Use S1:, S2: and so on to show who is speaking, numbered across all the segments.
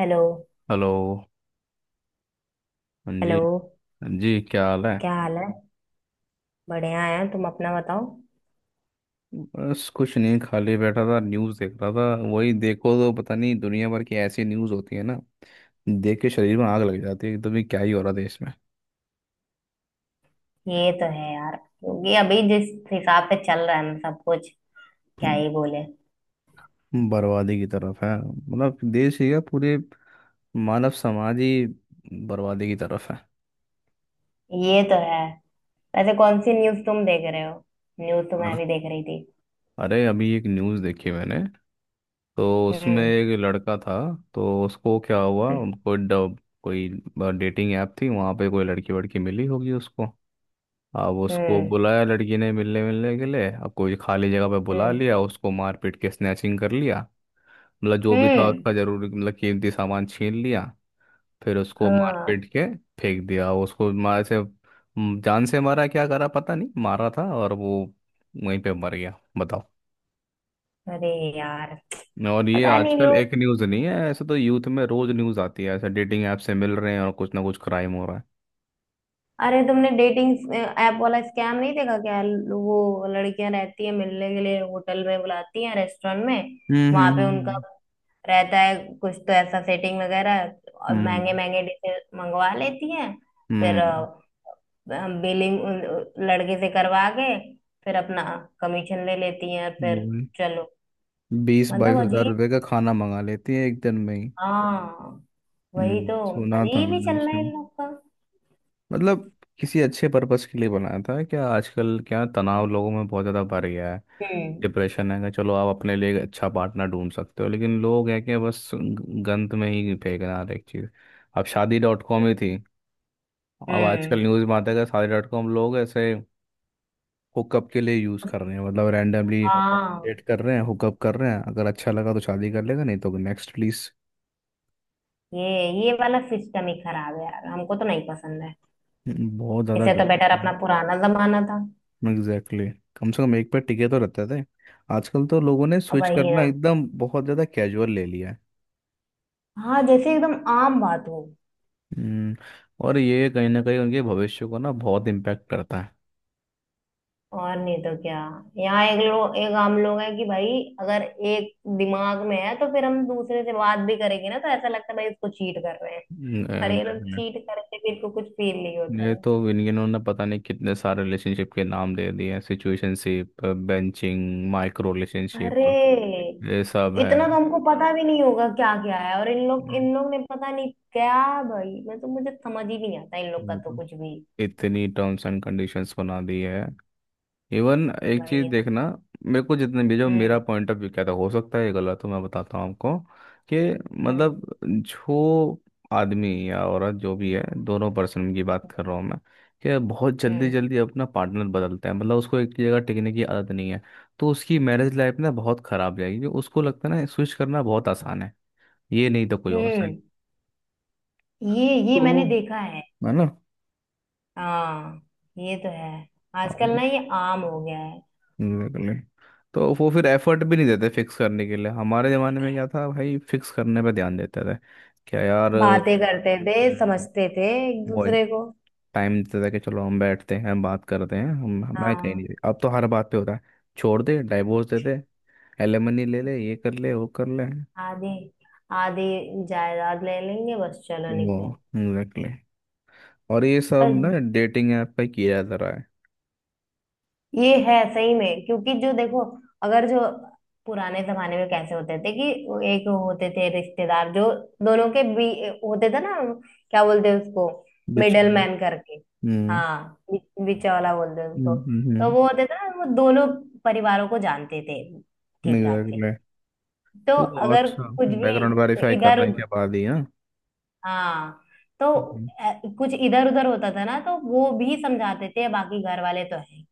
S1: Hello.
S2: Hello. हाँ जी।
S1: Hello.
S2: हाँ जी, क्या हाल है?
S1: क्या हाल है? बढ़िया है। तुम अपना बताओ।
S2: बस कुछ नहीं, खाली बैठा था, न्यूज़ देख रहा था। वही देखो, तो पता नहीं दुनिया भर की ऐसी न्यूज़ होती है ना, देख के शरीर में आग लग जाती है कि तो भी क्या ही हो रहा देश में।
S1: ये तो है यार, क्योंकि अभी जिस हिसाब से चल रहा है ना सब कुछ, क्या
S2: हम्म,
S1: ही बोले।
S2: बर्बादी की तरफ है, मतलब देश ही है, पूरे मानव समाज ही बर्बादी की तरफ है।
S1: ये तो है। वैसे कौन सी न्यूज़ तुम देख रहे हो? न्यूज़ तो मैं
S2: और
S1: भी देख रही थी।
S2: अरे, अभी एक न्यूज़ देखी मैंने, तो उसमें
S1: हम्म।
S2: एक लड़का था। तो उसको क्या हुआ,
S1: हम्म।
S2: उनको डब कोई डेटिंग ऐप थी, वहाँ पे कोई लड़की वड़की मिली होगी उसको। अब उसको
S1: हम्म।
S2: बुलाया लड़की ने मिलने, मिलने के लिए अब कोई खाली जगह पे बुला
S1: हम्म।
S2: लिया उसको, मारपीट के स्नैचिंग कर लिया। मतलब जो भी था
S1: हम्म,
S2: उसका, जरूर मतलब कीमती सामान छीन लिया, फिर उसको
S1: हाँ।
S2: मारपीट के फेंक दिया उसको। मार से जान से मारा, क्या करा पता नहीं, मारा था और वो वहीं पे मर गया, बताओ।
S1: अरे यार,
S2: और ये
S1: पता नहीं
S2: आजकल
S1: लोग।
S2: एक न्यूज़ नहीं है ऐसे, तो यूथ में रोज न्यूज़ आती है ऐसे, डेटिंग ऐप से मिल रहे हैं और कुछ ना कुछ क्राइम हो रहा है।
S1: अरे तुमने डेटिंग ऐप वाला स्कैम नहीं देखा क्या? वो लड़कियां रहती है, मिलने के लिए होटल में बुलाती हैं, रेस्टोरेंट में। वहां पे उनका
S2: हम्म।
S1: रहता है कुछ तो ऐसा सेटिंग वगैरह, और
S2: हम्म,
S1: महंगे
S2: हम्म।
S1: महंगे डिशेज मंगवा लेती हैं। फिर
S2: हम्म
S1: बिलिंग लड़के से करवा के फिर अपना कमीशन ले लेती हैं, और फिर
S2: हम्म।
S1: चलो।
S2: बीस बाईस
S1: मतलब
S2: हजार रुपये
S1: अजीब।
S2: का खाना मंगा लेती है एक दिन में ही।
S1: हाँ। वही
S2: हम्म,
S1: तो।
S2: सुना था
S1: अजीब ही
S2: मैंने
S1: चल रहा
S2: उसके।
S1: है इन लोग का।
S2: मतलब किसी अच्छे पर्पस के लिए बनाया था क्या? आजकल क्या तनाव लोगों में बहुत ज़्यादा बढ़ गया है,
S1: हम्म।
S2: डिप्रेशन है कि चलो आप अपने लिए एक अच्छा पार्टनर ढूंढ सकते हो, लेकिन लोग हैं कि बस गंद में ही फेंक रहे हैं हर एक चीज़। अब शादी डॉट कॉम ही थी, अब आजकल
S1: हम्म।
S2: न्यूज़ में आता है कि शादी डॉट कॉम लोग ऐसे हुकअप के लिए यूज़ कर रहे हैं, मतलब रैंडमली
S1: हाँ।
S2: डेट कर रहे हैं, हुकअप कर रहे हैं, अगर अच्छा लगा तो शादी कर लेगा, नहीं तो नेक्स्ट प्लीज़।
S1: ये ये वाला सिस्टम ही खराब है यार, हमको तो नहीं पसंद है।
S2: बहुत ज्यादा
S1: इससे तो
S2: गलत
S1: बेटर
S2: है।
S1: अपना पुराना जमाना था।
S2: Exactly, exactly. कम से कम एक पे टिके तो रहते थे, आजकल तो लोगों ने
S1: अब
S2: स्विच
S1: वही
S2: करना
S1: ना।
S2: एकदम बहुत ज्यादा कैजुअल ले लिया है।
S1: हाँ, जैसे एकदम आम बात हो।
S2: हम्म, और ये कहीं ना कहीं उनके भविष्य को ना बहुत इम्पैक्ट करता है।
S1: और नहीं तो क्या। यहाँ एक लोग एक आम लोग है कि भाई अगर एक दिमाग में है तो फिर हम दूसरे से बात भी करेंगे ना, तो ऐसा लगता है भाई इसको चीट कर रहे हैं। अरे ये लोग
S2: एग्जैक्टली।
S1: चीट करके भी इनको कुछ फील नहीं होता
S2: ये
S1: है।
S2: तो इन्होंने पता नहीं कितने सारे रिलेशनशिप के नाम दे दिए हैं, सिचुएशनशिप, बेंचिंग, माइक्रो रिलेशनशिप,
S1: अरे
S2: ये सब है।
S1: इतना तो हमको पता भी नहीं होगा क्या क्या है, और इन लोग
S2: हम्म,
S1: इन लोग ने पता नहीं क्या। भाई मैं तो मुझे समझ ही नहीं आता इन लोग का
S2: ये
S1: तो
S2: तो
S1: कुछ भी।
S2: इतनी टर्म्स एंड कंडीशंस बना दी है। इवन एक
S1: वही।
S2: चीज देखना, मेरे को जितने भी, जो मेरा
S1: हम्म।
S2: पॉइंट ऑफ व्यू कहता है, हो सकता है ये गलत हो, मैं बताता हूँ आपको कि मतलब
S1: हम्म।
S2: जो आदमी या औरत जो भी है, दोनों पर्सन की बात कर रहा हूँ मैं, कि बहुत जल्दी
S1: हम्म।
S2: जल्दी अपना पार्टनर बदलता है, मतलब उसको एक जगह टिकने की आदत नहीं है, तो उसकी मैरिज लाइफ ना बहुत खराब जाएगी, क्योंकि उसको लगता है ना स्विच करना बहुत आसान है, ये नहीं तो कोई और सही।
S1: हम्म। ये
S2: तो
S1: मैंने देखा है।
S2: है ना।
S1: हाँ। ये तो है। आजकल ना ये आम हो गया है।
S2: बिल्कुल। तो वो फिर एफर्ट भी नहीं देते फिक्स करने के लिए। हमारे ज़माने में क्या था भाई, फिक्स करने पे ध्यान देते थे, क्या यार।
S1: बातें करते थे।
S2: हम्म,
S1: समझते थे एक
S2: वो
S1: दूसरे को।
S2: टाइम देते थे कि चलो हम बैठते हैं, हम बात करते हैं, हम मैं कहीं
S1: हाँ।
S2: नहीं। अब तो हर बात पे होता है छोड़ दे, डाइवोर्स दे दे, एलिमनी ले ले, ये कर ले, वो कर ले।
S1: आधी आधी जायदाद ले लेंगे, बस चलो
S2: वो
S1: निकलो।
S2: एग्जैक्टली, और ये सब ना
S1: पर
S2: डेटिंग ऐप पे किया जा रहा है।
S1: ये है सही में, क्योंकि जो देखो अगर जो पुराने जमाने में कैसे होते थे कि वो एक होते थे रिश्तेदार जो दोनों के भी होते थे ना, क्या बोलते हैं उसको?
S2: बिच
S1: मिडल
S2: वाला।
S1: मैन करके।
S2: हम्म।
S1: हाँ, बीचा वाला बोलते हैं उसको, तो
S2: हम्म।
S1: वो होते थे ना वो दोनों परिवारों को जानते थे ठीक ठाक से।
S2: एग्जैक्टली।
S1: तो
S2: वो
S1: अगर
S2: अच्छा
S1: कुछ
S2: बैकग्राउंड
S1: भी
S2: वेरीफाई
S1: इधर,
S2: करने के बाद ही।
S1: हाँ। तो कुछ इधर उधर होता था ना तो वो भी समझाते थे बाकी घर वाले तो है।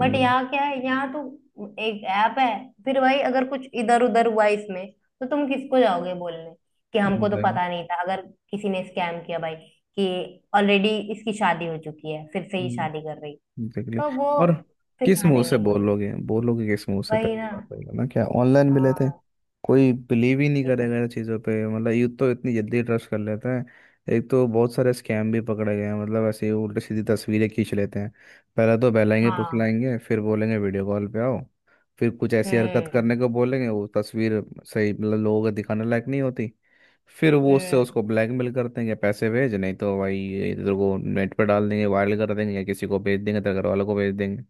S1: बट यहाँ क्या है? यहाँ तो एक ऐप है। फिर भाई अगर कुछ इधर उधर हुआ इसमें तो तुम किसको जाओगे बोलने कि हमको तो
S2: एग्जैक्टली,
S1: पता नहीं था, अगर किसी ने स्कैम किया भाई कि ऑलरेडी इसकी शादी हो चुकी है फिर से ही शादी कर रही। तो वो
S2: और
S1: फिर
S2: किस
S1: कहाँ
S2: मुंह से
S1: जाएंगे बोलने।
S2: बोलोगे, बोलोगे किस मुंह से?
S1: वही
S2: पहली
S1: ना।
S2: बात रहेगा ना, क्या ऑनलाइन मिले थे?
S1: हाँ।
S2: कोई बिलीव ही नहीं
S1: वही तो।
S2: करेगा इन चीज़ों पे। मतलब यूथ तो इतनी जल्दी ट्रस्ट कर लेते हैं, एक तो बहुत सारे स्कैम भी पकड़े गए हैं, मतलब ऐसे ही उल्टी सीधी तस्वीरें खींच लेते हैं। पहले तो बहलाएंगे
S1: हाँ।
S2: फुसलाएंगे, फिर बोलेंगे वीडियो कॉल पे आओ, फिर कुछ ऐसी हरकत
S1: हम्म।
S2: करने को बोलेंगे, वो तस्वीर सही मतलब लोगों को दिखाने लायक नहीं होती। फिर वो उससे
S1: हम्म।
S2: उसको ब्लैकमेल करते हैं कि पैसे भेज, नहीं तो भाई ये तेरे को नेट पर डाल देंगे, वायरल कर देंगे, या किसी को भेज देंगे, तेरे घर वालों को भेज देंगे।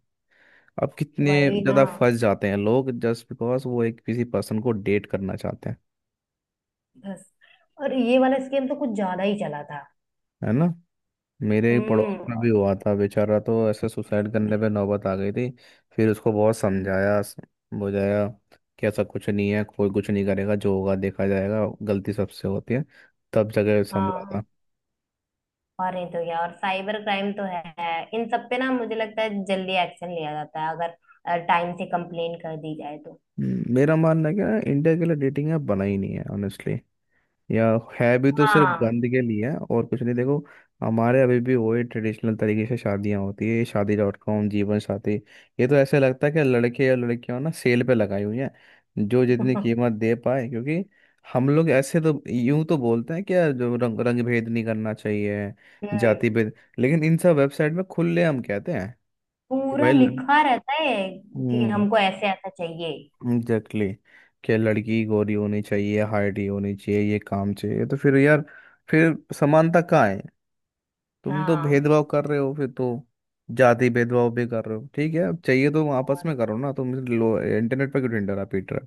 S2: अब कितने
S1: वही ना,
S2: ज़्यादा फंस जाते हैं लोग जस्ट बिकॉज वो एक किसी पर्सन को डेट करना चाहते हैं।
S1: बस। और ये वाला स्कैम तो कुछ ज्यादा ही चला था।
S2: है ना। मेरे पड़ोस
S1: हम्म।
S2: में भी हुआ था, बेचारा तो ऐसे सुसाइड करने पे नौबत आ गई थी। फिर उसको बहुत समझाया बुझाया कि ऐसा कुछ नहीं है, कोई कुछ नहीं करेगा, जो होगा देखा जाएगा, गलती सबसे होती है। तब जगह संभला था।
S1: हाँ। और नहीं तो क्या, और साइबर क्राइम तो है इन सब पे ना, मुझे लगता है जल्दी एक्शन लिया जाता है अगर टाइम से कंप्लेन कर दी जाए तो।
S2: मेरा मानना है कि ना इंडिया के लिए डेटिंग ऐप बना ही नहीं है ऑनेस्टली, या है भी तो सिर्फ
S1: हाँ।
S2: गंद के लिए है और कुछ नहीं। देखो, हमारे अभी भी वही ट्रेडिशनल तरीके से शादियां होती है। शादी डॉट कॉम, जीवन साथी, ये तो ऐसे लगता है कि लड़के और लड़कियां ना सेल पे लगाई हुई हैं, जो जितनी कीमत दे पाए। क्योंकि हम लोग ऐसे तो यूं तो बोलते हैं कि यार जो रंग रंग भेद नहीं करना चाहिए,
S1: हम्म।
S2: जाति भेद, लेकिन इन सब वेबसाइट में खुले हम कहते हैं कि
S1: पूरा
S2: भाई
S1: लिखा रहता है कि
S2: हम्म।
S1: हमको ऐसे ऐसा चाहिए।
S2: एग्जैक्टली, क्या लड़की गोरी होनी चाहिए, हाइट ही होनी चाहिए, ये काम चाहिए, तो फिर यार फिर समानता कहाँ है? तुम तो
S1: हाँ।
S2: भेदभाव कर रहे हो फिर तो, जाति भेदभाव भी कर रहे हो। ठीक है, अब चाहिए तो आपस
S1: और।
S2: में करो ना, तुम लो, इंटरनेट पर क्यों ढिंढोरा पीट रहे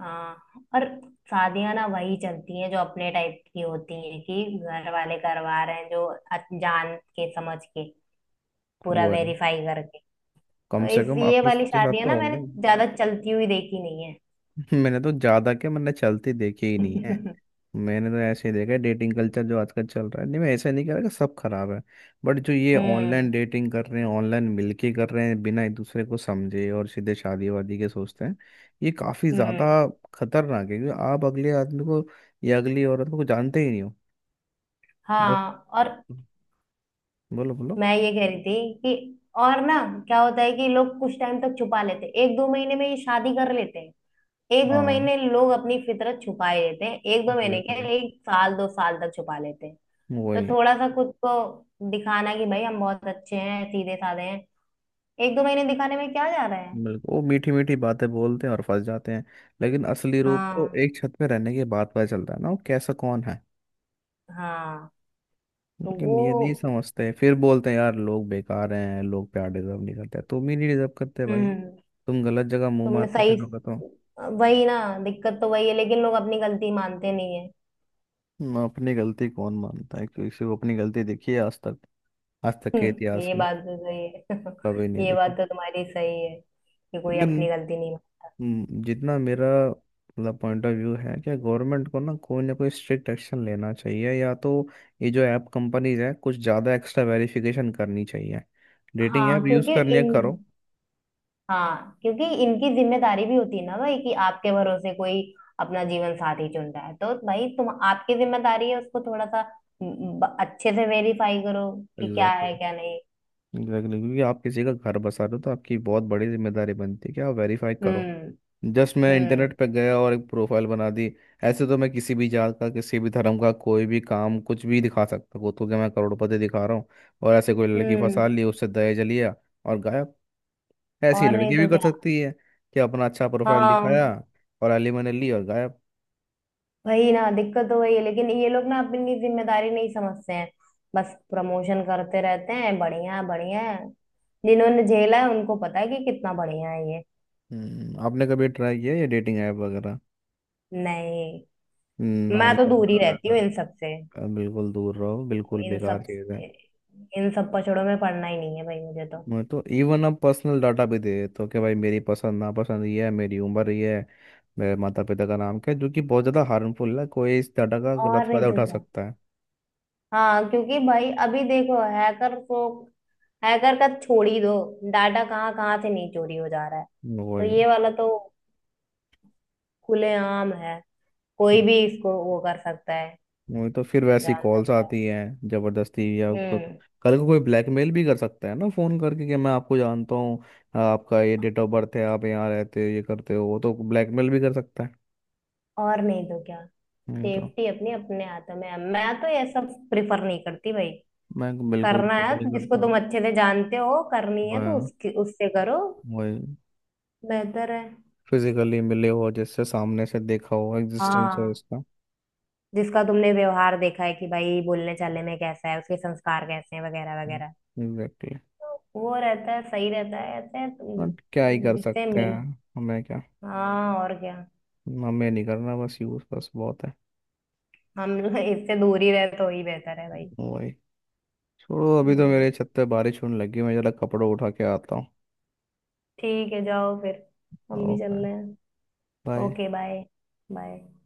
S1: हाँ। और शादियां ना वही चलती हैं जो अपने टाइप की होती हैं, कि घर वाले करवा रहे हैं जो, जान के समझ के
S2: हो?
S1: पूरा
S2: वो है,
S1: वेरीफाई करके।
S2: कम से
S1: इस
S2: कम
S1: ये
S2: आपस
S1: वाली
S2: के साथ
S1: शादियां
S2: तो
S1: ना मैंने
S2: होंगे।
S1: ज्यादा चलती हुई देखी नहीं है।
S2: मैंने तो ज्यादा क्या, मैंने चलती देखी ही नहीं है। मैंने तो ऐसे ही देखा है डेटिंग कल्चर जो आजकल चल रहा है। नहीं, मैं ऐसा नहीं कह रहा कि सब खराब है, बट जो ये ऑनलाइन
S1: हम्म।
S2: डेटिंग कर रहे हैं, ऑनलाइन मिलके कर रहे हैं, बिना एक दूसरे को समझे और सीधे शादी वादी के सोचते हैं, ये काफी
S1: हम्म।
S2: ज्यादा खतरनाक है, क्योंकि आप अगले आदमी को या अगली औरत को जानते ही नहीं हो। बस।
S1: हाँ। और
S2: बोलो बोलो।
S1: मैं ये कह रही थी कि, और ना, क्या होता है कि लोग कुछ टाइम तक छुपा लेते हैं एक दो महीने में ये शादी कर लेते हैं। एक दो
S2: हाँ,
S1: महीने लोग अपनी फितरत छुपाए रहते हैं, एक दो महीने के
S2: exactly.
S1: एक साल दो साल तक छुपा लेते हैं। तो
S2: वही,
S1: थोड़ा सा खुद को दिखाना कि भाई हम बहुत अच्छे हैं सीधे साधे हैं। एक दो महीने दिखाने में क्या जा रहा है।
S2: बिल्कुल। वो मीठी मीठी बातें बोलते हैं और फंस जाते हैं, लेकिन असली रूप तो
S1: हाँ।
S2: एक छत में रहने के बाद पता चलता है ना, वो कैसा कौन है।
S1: हाँ। तो
S2: लेकिन ये नहीं
S1: वो।
S2: समझते, फिर बोलते हैं यार लोग बेकार हैं, लोग प्यार डिजर्व नहीं करते। तुम ही नहीं डिजर्व करते भाई,
S1: हम्म।
S2: तुम गलत जगह मुंह
S1: तुमने
S2: मारते
S1: सही।
S2: फिरोगे तो।
S1: वही ना, दिक्कत तो वही है, लेकिन लोग अपनी गलती मानते नहीं है।
S2: ना अपनी गलती कौन मानता है, किसी को अपनी गलती देखी है आज तक? आज तक के इतिहास
S1: ये
S2: में
S1: बात तो सही है।
S2: कभी नहीं
S1: ये बात
S2: देखी।
S1: तो तुम्हारी सही है कि कोई
S2: लेकिन
S1: अपनी गलती नहीं
S2: जितना मेरा मतलब पॉइंट ऑफ व्यू है कि गवर्नमेंट को ना कोई स्ट्रिक्ट एक्शन लेना चाहिए, या तो ये जो ऐप कंपनीज है कुछ ज़्यादा एक्स्ट्रा वेरिफिकेशन करनी चाहिए,
S1: मानता।
S2: डेटिंग
S1: हाँ
S2: ऐप यूज़
S1: क्योंकि
S2: करनी है
S1: इन।
S2: करो।
S1: हाँ क्योंकि इनकी जिम्मेदारी भी होती है ना भाई कि आपके भरोसे कोई अपना जीवन साथी चुन रहा है, तो भाई तुम आपकी जिम्मेदारी है उसको थोड़ा सा, अच्छे से वेरीफाई करो कि क्या
S2: एग्जैक्ट,
S1: है क्या नहीं।
S2: एग्जैक्टली, क्योंकि आप किसी का घर बसा रहे हो, तो आपकी बहुत बड़ी जिम्मेदारी बनती है कि आप वेरीफाई करो।
S1: हम्म।
S2: जस्ट मैं
S1: हम्म।
S2: इंटरनेट पे गया और एक प्रोफाइल बना दी, ऐसे तो मैं किसी भी जात का, किसी भी धर्म का, कोई भी काम, कुछ भी दिखा सकता हूँ। तो क्या मैं करोड़पति दिखा रहा हूँ, और ऐसे कोई लड़की फंसा
S1: हम्म।
S2: ली, उससे दहेज लिया और गायब। ऐसी
S1: और नहीं
S2: लड़की भी
S1: तो
S2: कर
S1: क्या।
S2: सकती है कि अपना अच्छा प्रोफाइल हाँ
S1: हाँ।
S2: दिखाया और एलिमनी ली और गायब।
S1: वही ना, दिक्कत तो वही है, लेकिन ये लोग ना अपनी जिम्मेदारी नहीं समझते हैं। बस प्रमोशन करते रहते हैं, बढ़िया है, बढ़िया है। जिन्होंने झेला है उनको पता है कि कितना बढ़िया है ये।
S2: आपने कभी ट्राई किया ये डेटिंग ऐप वगैरह?
S1: नहीं।
S2: हम्म, ना
S1: मैं
S2: ही
S1: तो दूर ही
S2: करना
S1: रहती हूँ
S2: बेहतर
S1: इन सब से।
S2: है, बिल्कुल दूर रहो, बिल्कुल
S1: इन
S2: बेकार
S1: सब।
S2: चीज़ है।
S1: इन सब पचड़ों में पड़ना ही नहीं है भाई मुझे तो।
S2: मैं तो इवन, अब पर्सनल डाटा भी दे देते हो कि भाई मेरी पसंद नापसंद ये है, मेरी उम्र ये है, मेरे माता पिता का नाम क्या है, जो कि बहुत ज़्यादा हार्मफुल है, कोई इस डाटा का गलत
S1: और नहीं
S2: फायदा
S1: तो
S2: उठा
S1: क्या।
S2: सकता है।
S1: हाँ क्योंकि भाई अभी देखो हैकर को। हैकर का छोड़ ही दो। डाटा कहाँ कहाँ से नहीं चोरी हो जा रहा है। तो
S2: वही।
S1: ये वाला तो खुलेआम है। कोई
S2: हम्म,
S1: भी इसको वो कर सकता है,
S2: वही तो, फिर वैसी
S1: जान
S2: कॉल्स
S1: सकता है।
S2: आती हैं जबरदस्ती, या आपका
S1: हम्म।
S2: कल को कोई ब्लैकमेल भी कर सकता है ना, फ़ोन करके कि मैं आपको जानता हूँ, आपका ये डेट ऑफ बर्थ है, आप यहाँ रहते हो, ये करते हो, वो तो ब्लैकमेल भी कर सकता है,
S1: और नहीं तो क्या।
S2: नहीं तो।
S1: सेफ्टी अपनी अपने हाथ में है, मैं तो ये सब प्रिफर नहीं करती भाई।
S2: मैं बिल्कुल
S1: करना
S2: पता
S1: है
S2: नहीं
S1: जिसको
S2: करता।
S1: तुम अच्छे से जानते हो, करनी है तो
S2: वही,
S1: उसकी उससे करो।
S2: वही,
S1: बेहतर है।
S2: फिजिकली मिले हो, जैसे सामने से देखा हो, एग्जिस्टेंस हो
S1: हाँ।
S2: इसका।
S1: जिसका तुमने व्यवहार देखा है कि भाई बोलने चालने में कैसा है उसके संस्कार कैसे हैं वगैरह वगैरह।
S2: एग्जैक्टली।
S1: तो वो रहता है सही रहता है ऐसे,
S2: बट क्या ही कर
S1: जिससे
S2: सकते
S1: मिल।
S2: हैं, हमें क्या,
S1: हाँ और क्या।
S2: हमें नहीं करना, बस यूज बस बहुत है।
S1: हम लोग इससे दूर ही रहे तो ही बेहतर है भाई।
S2: वही। छोड़ो, अभी तो
S1: हम्म,
S2: मेरे छत पे बारिश होने लगी, मैं जरा कपड़े उठा के आता हूँ।
S1: ठीक है जाओ फिर। हम भी चल
S2: ओके,
S1: रहे हैं।
S2: बाय।
S1: Okay bye. बाय।